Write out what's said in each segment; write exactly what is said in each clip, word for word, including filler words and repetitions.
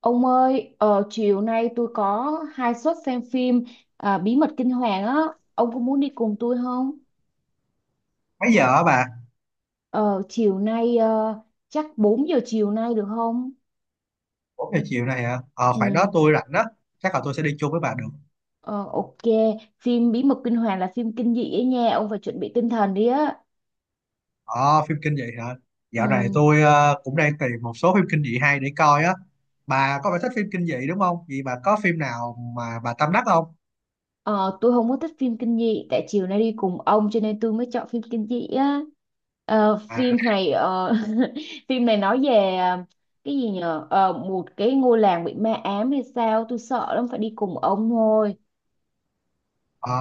Ông ơi, ờ, chiều nay tôi có hai suất xem phim à, Bí mật kinh hoàng á, ông có muốn đi cùng tôi không? Mấy giờ hả bà? Ờ, chiều nay ờ, chắc bốn giờ chiều nay được không? Bốn giờ chiều này hả? ờ Ừ, Khoảng đó tôi rảnh đó. Chắc là tôi sẽ đi chung với bà được. ờ, ok, phim Bí mật kinh hoàng là phim kinh dị ấy nha, ông phải chuẩn bị tinh thần đi á. Ờ, phim kinh dị hả? Dạo này Ừ. tôi ờ, cũng đang tìm một số phim kinh dị hay để coi á. Bà có phải thích phim kinh dị đúng không? Vậy bà có phim nào mà bà tâm đắc không? Ờ, tôi không có thích phim kinh dị tại chiều nay đi cùng ông cho nên tôi mới chọn phim kinh dị á. Ờ, À. phim này ờ, phim này nói về ờ, cái gì nhờ. Ờ, một cái ngôi làng bị ma ám hay sao tôi sợ lắm phải đi cùng ông thôi. Ờ.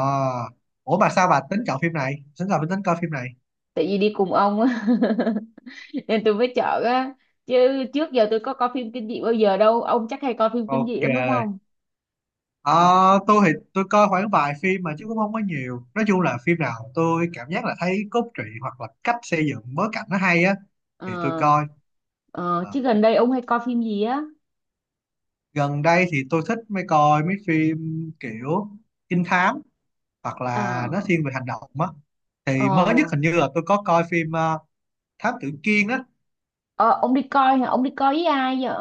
Ủa bà, sao bà tính chọn phim này, tính là tính coi phim này? Tại vì đi cùng ông á nên tôi mới chọn á, chứ trước giờ tôi có coi phim kinh dị bao giờ đâu. Ông chắc hay coi phim kinh dị Ok. lắm đúng không? Ờ. Tôi thì tôi coi khoảng vài phim mà, chứ cũng không có nhiều. Nói chung là phim nào tôi cảm giác là thấy cốt truyện hoặc là cách xây dựng bối cảnh nó hay á Ờ, thì tôi coi. ờ, Ờ. chứ gần đây ông hay coi phim gì á? Gần đây thì tôi thích mấy coi mấy phim kiểu trinh thám hoặc Ờ, là nó thiên về hành động á. Thì mới nhất ờ, hình như là tôi có coi phim ờ, Thám Tử Kiên á. ờ, ông đi coi hả? Ông đi coi với ai vậy?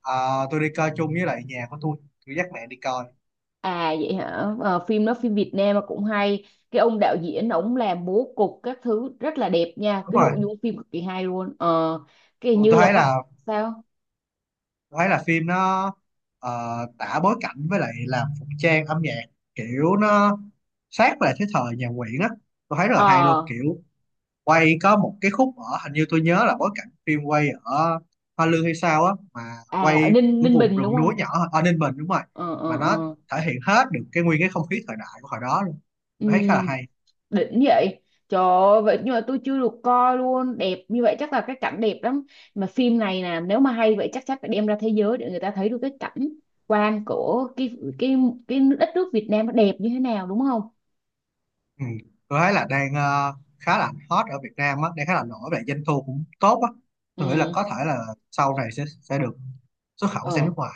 Ờ, tôi đi coi chung với lại nhà của tôi tôi dắt mẹ đi coi. À vậy hả? Ờ, phim đó phim Việt Nam mà cũng hay. Cái ông đạo diễn ổng làm bố cục các thứ rất là đẹp nha, Đúng cái rồi. nội dung phim cực kỳ hay luôn. Ờ, cái hình tôi như tôi là thấy có. là Sao? tôi thấy là phim nó ờ, tả bối cảnh với lại làm phục trang âm nhạc, kiểu nó sát lại cái thời nhà Nguyễn á. Tôi thấy rất là hay luôn, Ờ. kiểu quay có một cái khúc ở, hình như tôi nhớ là bối cảnh phim quay ở Hoa Lư hay sao á mà À ở quay Ninh cái Ninh vùng Bình đúng rừng núi không? nhỏ ở Ninh Bình, đúng rồi. Ờ ờ Mà nó ờ. thể hiện hết được cái nguyên cái không khí thời đại của hồi đó luôn. Ừ, Tôi thấy khá là hay. đỉnh vậy. Trời ơi, vậy nhưng mà tôi chưa được coi luôn, đẹp như vậy chắc là cái cảnh đẹp lắm. Mà phim này nè, nếu mà hay vậy chắc chắn phải đem ra thế giới để người ta thấy được cái cảnh quan của cái cái cái đất nước Việt Nam nó đẹp như thế nào đúng không? Ừ. Tôi thấy là đang ờ, khá là hot ở Việt Nam á, đang khá là nổi về doanh thu cũng tốt á. Tôi nghĩ là Ừ. có thể là sau này sẽ sẽ được xuất khẩu sang nước Ờ. ngoài.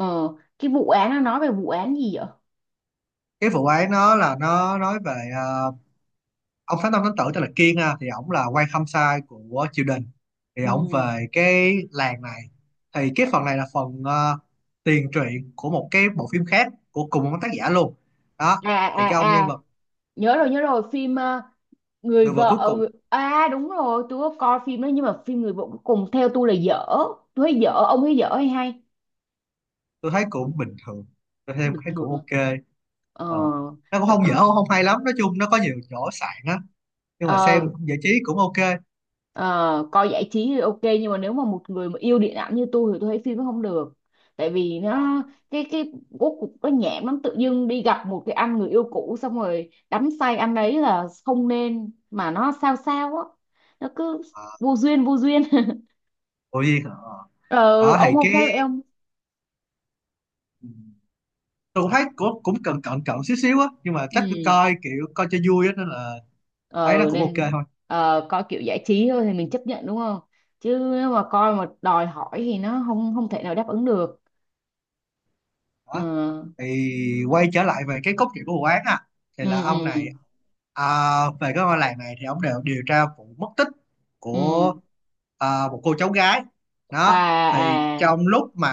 Ờ, cái vụ án nó nói về vụ án gì vậy? Cái vụ ấy nó là nó nói về ờ, ông Phát Tâm Thánh Tử tên là Kiên ha, thì ổng là quan khâm sai của triều đình, thì ổng Ừ. về cái làng này. Thì cái phần này là phần ờ, tiền truyện của một cái bộ phim khác của cùng một tác giả luôn đó. À Thì à cái ông nhân à, vật nhớ rồi nhớ rồi, phim ờ, người người vợ cuối vợ cùng. người... à đúng rồi, tôi có coi phim đó nhưng mà phim người vợ cuối cùng theo tôi là dở. Tôi thấy dở, ông thấy dở hay hay? Tôi thấy cũng bình thường. Tôi thấy, Bình thấy thường. cũng ok. Ờ, Ờ. Nó cũng tôi không dở có không hay lắm, nói chung nó có nhiều chỗ sạn á nhưng mà ờ, xem giải trí cũng ok. Ờ, coi giải trí thì ok nhưng mà nếu mà một người mà yêu điện ảnh như tôi thì tôi thấy phim nó không được. Tại vì ờ, nó cái cái bố cục nó nhảm lắm, tự dưng đi gặp một cái anh người yêu cũ xong rồi đắm say anh ấy là không nên, mà nó sao sao á, nó cứ ờ, vô duyên vô duyên cô Duyên hả? Ờ. ờ, Đó ông thì không cái, thấy vậy không? tôi cũng thấy cũng, cũng cần cận cận xíu xíu á nhưng mà chắc tôi Ừ. coi kiểu coi cho vui á nên là thấy nó ờ, cũng ok Nên thôi. ờ, coi kiểu giải trí thôi thì mình chấp nhận đúng không? Chứ nếu mà coi mà đòi hỏi thì nó không không thể nào đáp ứng được. Ờ, Đó thì quay trở lại về cái cốt truyện của vụ án à, thì ừ là ông này ừ à, về cái ngôi làng này thì ông đều điều tra vụ mất tích của ừ. à, một cô cháu gái À đó. Thì à. trong lúc mà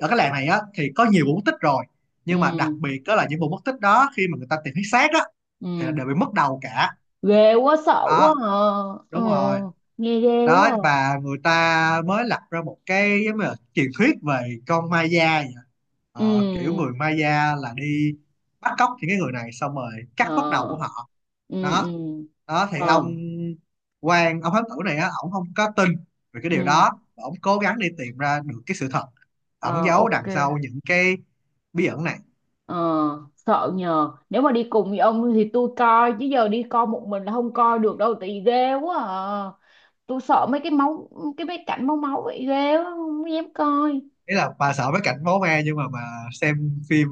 ở cái làng này á thì có nhiều vụ mất tích rồi, Ừ nhưng mà đặc biệt đó là những vụ mất tích đó, khi mà người ta tìm thấy xác á thì ừ. đều bị mất đầu cả. Ghê quá sợ quá Đó. à. Ừ. Đúng rồi. Nghe ghê Đó quá à. và người ta mới lập ra một cái giống như là truyền thuyết về con Maya vậy. Ờ, kiểu người Ừ. Maya là đi bắt cóc những cái người này xong rồi Ờ. cắt bắt đầu của họ Ừ ừ. đó. Đó thì Ờ. ông quan, ông thám tử này á, ổng không có tin về cái điều Ừ. đó và ổng cố gắng đi tìm ra được cái sự thật ẩn Ờ. giấu Ok. đằng sau những cái bí ẩn này. Ờ. Sợ nhờ, nếu mà đi cùng với ông thì tôi coi, chứ giờ đi coi một mình là không coi được đâu, tại vì ghê quá à. Tôi sợ mấy cái máu, cái mấy cảnh máu máu vậy ghê quá không dám coi. Ý là bà sợ mấy cảnh máu me nhưng mà bà xem phim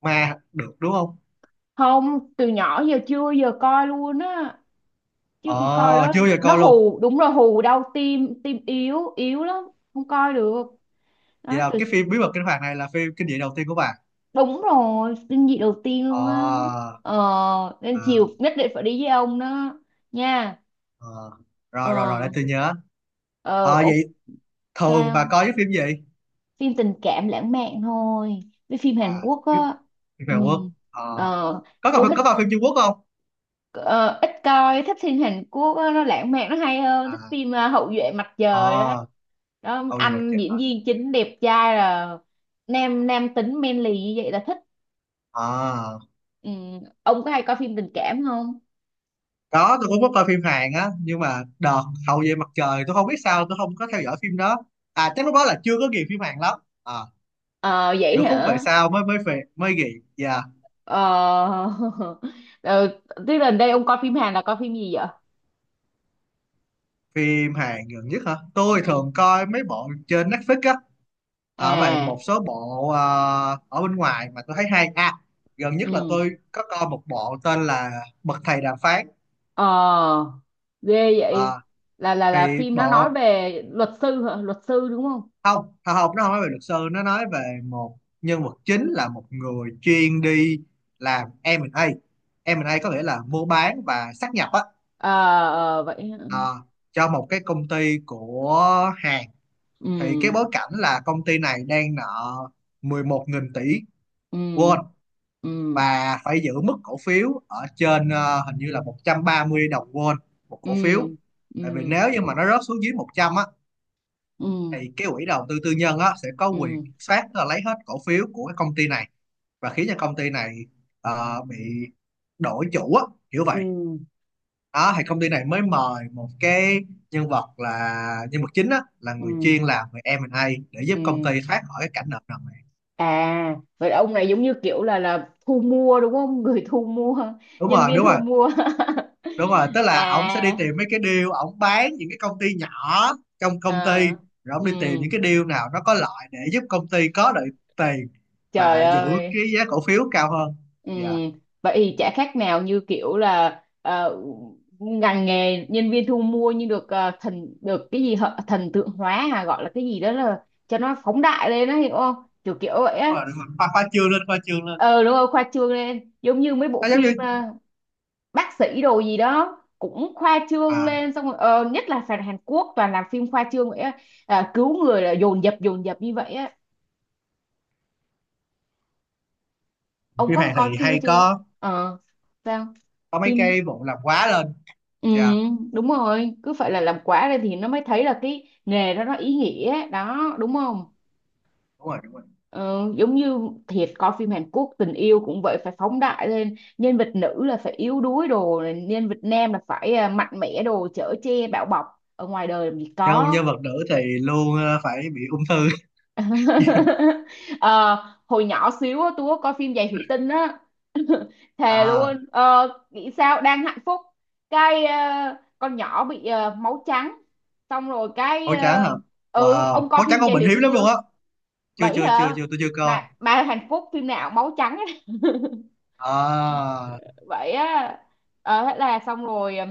ma được đúng không? Không, từ nhỏ giờ chưa giờ coi luôn á, chứ ờ coi đó Chưa bao giờ nó coi luôn. hù đúng rồi, hù đau tim, tim yếu yếu lắm, không coi được Vậy đó là từ. cái phim bí mật kinh hoàng này là phim kinh dị đầu tiên của bạn? Đúng rồi, kinh dị đầu tiên Ờ. luôn á. Ờ, nên chiều Ờ. nhất định phải đi với ông đó nha. Ờ. Rồi rồi Ờ rồi, để tôi nhớ. ờ ờ ồ, Vậy thường bà sao? coi cái phim gì? Phim tình cảm lãng mạn thôi, với phim Hàn À, Quốc phim á. phim Ừ. Hàn Quốc. Ờ. Ờ. Có Tôi coi, thích. có coi phim Trung Quốc không? ờ, Ít coi, thích phim Hàn Quốc á, nó lãng mạn nó hay hơn. Thích À. phim ờ, Hậu duệ mặt trời đó. ờ Đó Hậu duệ mặt anh trời. diễn viên chính đẹp trai là nam nam tính manly như vậy là thích. À Ừ. Ông có hay coi phim tình cảm không? có, tôi cũng có coi phim Hàn á nhưng mà đợt hậu về mặt trời tôi không biết sao tôi không có theo dõi phim đó. À chắc lúc đó là chưa có ghiền phim Hàn lắm. À Ờ vậy kiểu khúc về hả? sau mới mới về mới ghiền. Dạ. Ờ. Ờ, tức là đây ông coi phim Hàn là coi phim gì vậy? Phim Hàn gần nhất hả? Tôi Ừ. thường coi mấy bộ trên Netflix á. Ở vậy À. một số bộ ờ, ở bên ngoài mà tôi thấy hay à. Gần nhất là Ừ. tôi có coi một bộ tên là Bậc Thầy Đàm Phán. Ờ. Ghê vậy. Ờ, Là là là thì phim nó nói bộ về luật sư hả, luật sư đúng không? không không không, nó không nói về luật sư, nó nói về một nhân vật chính là một người chuyên đi làm em a. em a có nghĩa là mua bán và sát nhập á. Ờ. Ờ, vậy hả? ờ, cho một cái công ty của Hàn. Thì cái Ừ bối cảnh là công ty này đang nợ mười một nghìn tỷ won ừ ừ và phải giữ mức cổ phiếu ở trên ờ, hình như là một trăm ba mươi đồng won một ừ cổ phiếu. ừ Tại vì nếu như mà nó rớt xuống dưới một trăm á ừ thì cái quỹ đầu tư tư nhân á sẽ có quyền ừ kiểm soát, tức là lấy hết cổ phiếu của cái công ty này và khiến cho công ty này ờ, bị đổi chủ á, kiểu ừ vậy. Đó thì công ty này mới mời một cái nhân vật là nhân vật chính á, là người ừ chuyên làm về em a để giúp ừ. công ty thoát khỏi cái cảnh nợ nần. À vậy là ông này giống như kiểu là là thu mua đúng không? Người thu mua, Đúng nhân rồi viên đúng thu rồi mua. đúng rồi, tức là ổng sẽ đi À tìm mấy cái deal, ổng bán những cái công ty nhỏ trong à. công ty rồi ổng Ừ. đi tìm những cái deal nào nó có lợi để giúp công ty có được tiền Trời và giữ ơi. cái giá cổ phiếu cao hơn. Ừ, Dạ. vậy thì chả khác nào như kiểu là ờ, ngành nghề nhân viên thu mua nhưng được ờ, thần được cái gì hả? Thần tượng hóa à, gọi là cái gì đó, là cho nó phóng đại lên đó hiểu không? Kiểu kiểu vậy Đúng á. rồi đúng rồi, khoa, khoa trương lên, khoa trương lên. Ờ đúng rồi, khoa trương lên giống như mấy bộ Nó giống như phim ờ, bác sĩ đồ gì đó cũng khoa trương à, lên, xong rồi ờ, nhất là phản Hàn Quốc toàn làm phim khoa trương vậy á. À, cứu người là dồn dập dồn dập như vậy á. Ông phim có Hàn coi thì phim đó hay chưa? có Ờ. Sao? có mấy Phim. cái vụ làm quá lên. Ừ, Dạ. đúng rồi, cứ phải là làm quả ra thì nó mới thấy là cái nghề đó nó ý nghĩa ấy. Đó, đúng không? Đúng rồi đúng rồi, Ờ, giống như thiệt, coi phim Hàn Quốc tình yêu cũng vậy, phải phóng đại lên, nhân vật nữ là phải yếu đuối đồ, nhân vật nam là phải à, mạnh mẽ đồ, chở che bảo bọc. Ở ngoài đời làm gì nhân có. nhân vật nữ thì luôn ờ, phải bị ung thư. Ờ, hồi nhỏ xíu á, tôi có coi phim Giày Thủy Tinh á thề À luôn, ờ, nghĩ sao đang hạnh phúc cái ờ, con nhỏ bị ờ, máu trắng, xong rồi cái máu trắng ờ, hả? ừ, ông Wow, coi máu trắng phim con Giày bệnh Thủy hiếm Tinh lắm luôn chưa? á. Chưa, Bảy chưa, chưa, hả? chưa, tôi chưa coi. mà mà hạnh phúc phim nào máu trắng ấy. À Vậy á. Ờ, thế là xong rồi, ờ,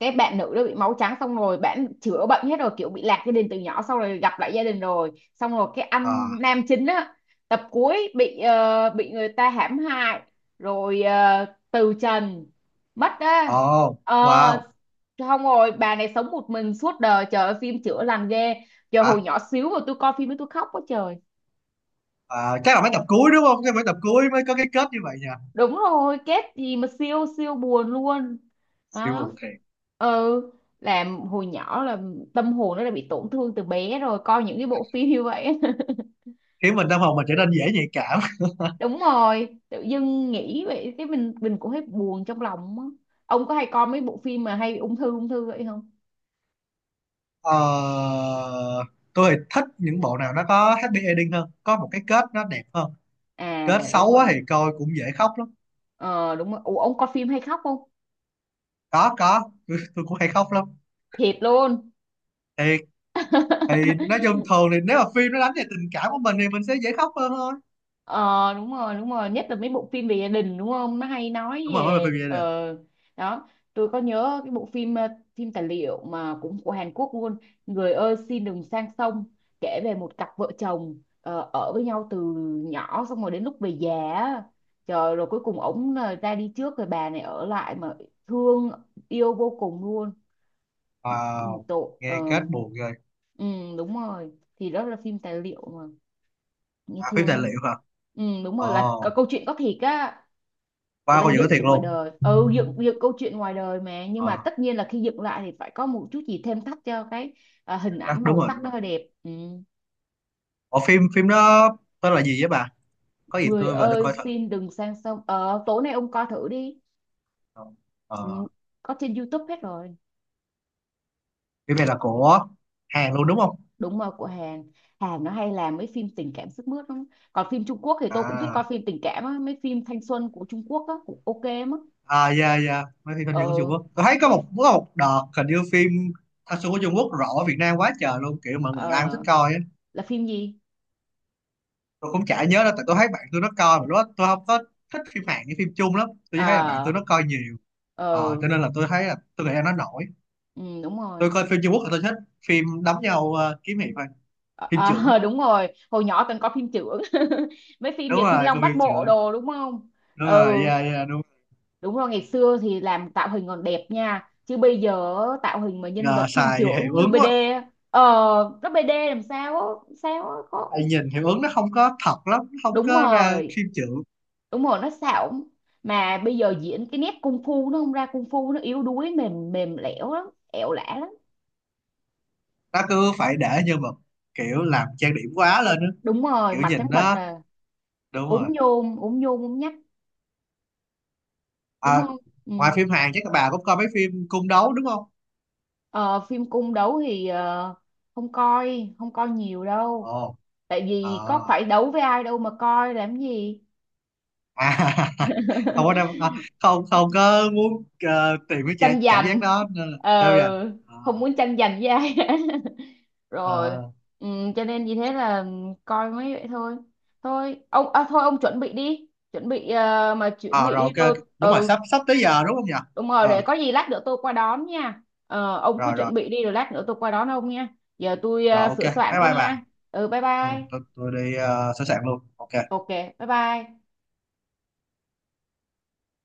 cái bạn nữ đó bị máu trắng xong rồi bạn chữa bệnh hết rồi, kiểu bị lạc gia đình từ nhỏ, xong rồi gặp lại gia đình rồi, xong rồi cái anh à. nam chính á, tập cuối bị ờ, bị người ta hãm hại, rồi ờ, từ trần, mất á. Ồ, Ờ. wow. Không, rồi bà này sống một mình suốt đời, trời ơi, phim chữa lành ghê. Giờ hồi Hả? nhỏ xíu mà tôi coi phim ấy tôi khóc quá trời. À, chắc là mấy tập cuối đúng không? Cái mấy tập cuối mới có cái kết như vậy nha. Đúng rồi, kết gì mà siêu siêu buồn luôn. Siêu Đó. buồn thiệt. Ừ. Làm hồi nhỏ là tâm hồn nó đã bị tổn thương từ bé rồi coi những cái bộ phim như vậy. Khiến mình tâm hồn mình trở nên dễ nhạy cảm. Đúng rồi, tự dưng nghĩ vậy cái mình mình cũng thấy buồn trong lòng á. Ông có hay coi mấy bộ phim mà hay bị ung thư ung thư vậy không? Ờ, tôi thì thích những bộ nào nó có happy ending hơn. Có một cái kết nó đẹp hơn. À Kết xấu đúng quá rồi. thì coi cũng dễ khóc lắm. Ờ đúng rồi. Ủa, ông coi phim hay khóc không? Có, có. Tôi, tôi cũng hay khóc lắm. Thiệt luôn. Thiệt. Thì nói chung thường thì nếu mà phim nó đánh về tình cảm của mình thì mình sẽ dễ khóc hơn thôi. Ờ đúng rồi đúng rồi, nhất là mấy bộ phim về gia đình đúng không, nó hay nói Đúng rồi, mới về về phim gia ờ. đình. Đó, tôi có nhớ cái bộ phim ờ, phim tài liệu mà cũng của Hàn Quốc luôn, người ơi xin đừng sang sông, kể về một cặp vợ chồng ờ, ở với nhau từ nhỏ, xong rồi đến lúc về già á. Trời, rồi cuối cùng ổng là ra đi trước rồi bà này ở lại mà thương yêu vô cùng luôn. Wow. Tội Nghe ờ. kết buồn rồi. Ừ, đúng rồi thì đó là phim tài liệu mà, nghe À, phim thương tài lắm. liệu hả? Ừ, đúng rồi, là có Ồ, câu chuyện có thiệt á. Người wow, ta coi những dựng cái từ thiệt ngoài luôn. đời, ừ, dựng dựng câu chuyện ngoài đời mà, nhưng mà Ờ. tất nhiên là khi dựng lại thì phải có một chút gì thêm thắt cho cái à, hình Đó, ảnh đúng màu rồi sắc đúng đó rồi, hơi đẹp. Ừ. ở phim phim đó tên là gì vậy bà? Có gì Người tôi về tôi ơi coi thử. xin đừng sang sông, ờ tối nay ông coi thử đi. Ừ. ờ, Có trên YouTube hết rồi. Phim này là của Hàn luôn đúng không? Đúng rồi, của Hàn. Hàn nó hay làm mấy phim tình cảm sức mướt lắm. Còn phim Trung Quốc thì tôi cũng thích coi À phim tình cảm á, mấy phim thanh xuân của Trung Quốc á cũng ok lắm á. à, dạ dạ, mấy phim thanh xuân của Trung Ờ. Quốc tôi thấy có một Biết. có một đợt hình như phim thanh xuân của Trung Quốc rõ Việt Nam quá trời luôn, kiểu mọi người ai cũng thích Ờ, coi á. là phim gì? Tôi cũng chả nhớ đâu, tại tôi thấy bạn tôi nó coi mà lúc đó tôi không có thích phim Hàn với phim Trung lắm, tôi chỉ thấy là bạn tôi Ờ. nó coi nhiều. Ờ. Ờ, cho nên là tôi thấy là tôi nghĩ là nó nổi. Ừ, đúng rồi. Tôi coi phim Trung Quốc là tôi thích phim đấm nhau, ờ, kiếm hiệp thôi. Ờ. Phim trưởng. Ờ, đúng rồi, hồi nhỏ từng có phim chưởng mấy phim Đúng Việt Thiên rồi Long coi Bát phim Bộ trưởng. đồ đúng không? Đúng rồi, Ừ. dạ dạ đúng. Đúng rồi, ngày xưa thì làm tạo hình còn đẹp nha chứ bây giờ tạo hình mà nhân Giờ vật phim xài chưởng hiệu như ứng quá. bê đê á, ờ nó bê đê làm sao á, sao á, có. Tại nhìn hiệu ứng nó không có thật lắm, nó không Đúng có ra rồi phim chưởng. đúng rồi, nó xạo. Mà bây giờ diễn cái nét cung phu nó không ra cung phu, nó yếu đuối mềm mềm lẻo lắm, ẻo lả lắm. Nó cứ phải để nhân vật kiểu làm trang điểm quá lên á, Đúng rồi, kiểu mặt trắng nhìn bệch nó, à. đúng Ốm rồi. nhôm ốm nhôm ốm nhách. Đúng À, không? Ừ. ngoài phim Hàn chắc các bà cũng coi mấy phim cung đấu đúng không? Ờ, phim cung đấu thì ờ, không coi, không coi nhiều đâu, Ồ. tại À, vì có phải đấu với ai đâu mà coi làm gì. à, không có đâu à, không không có muốn ờ, tìm cái Tranh cha- cảm giác giành. đó nên là đâu vậy. Ờ, À, không muốn tranh giành với ai. Rồi. ờ. Ừ, cho nên vì thế là coi mấy vậy thôi. Thôi ông à, thôi ông chuẩn bị đi, chuẩn bị ờ, mà chuẩn Ờ, bị rồi đi ok, tôi. đúng rồi Ừ. sắp sắp tới giờ đúng không nhỉ? Đúng rồi, Ờ để có gì lát nữa tôi qua đón nha. Ờ, ông cứ rồi rồi chuẩn bị đi rồi lát nữa tôi qua đón ông nha. Giờ tôi rồi ờ, ok sửa soạn bye cái bye bà. nha. Ừ, bye Ừ, bye. tôi, tôi đi uh, sẵn sàng luôn ok. Ok, bye bye.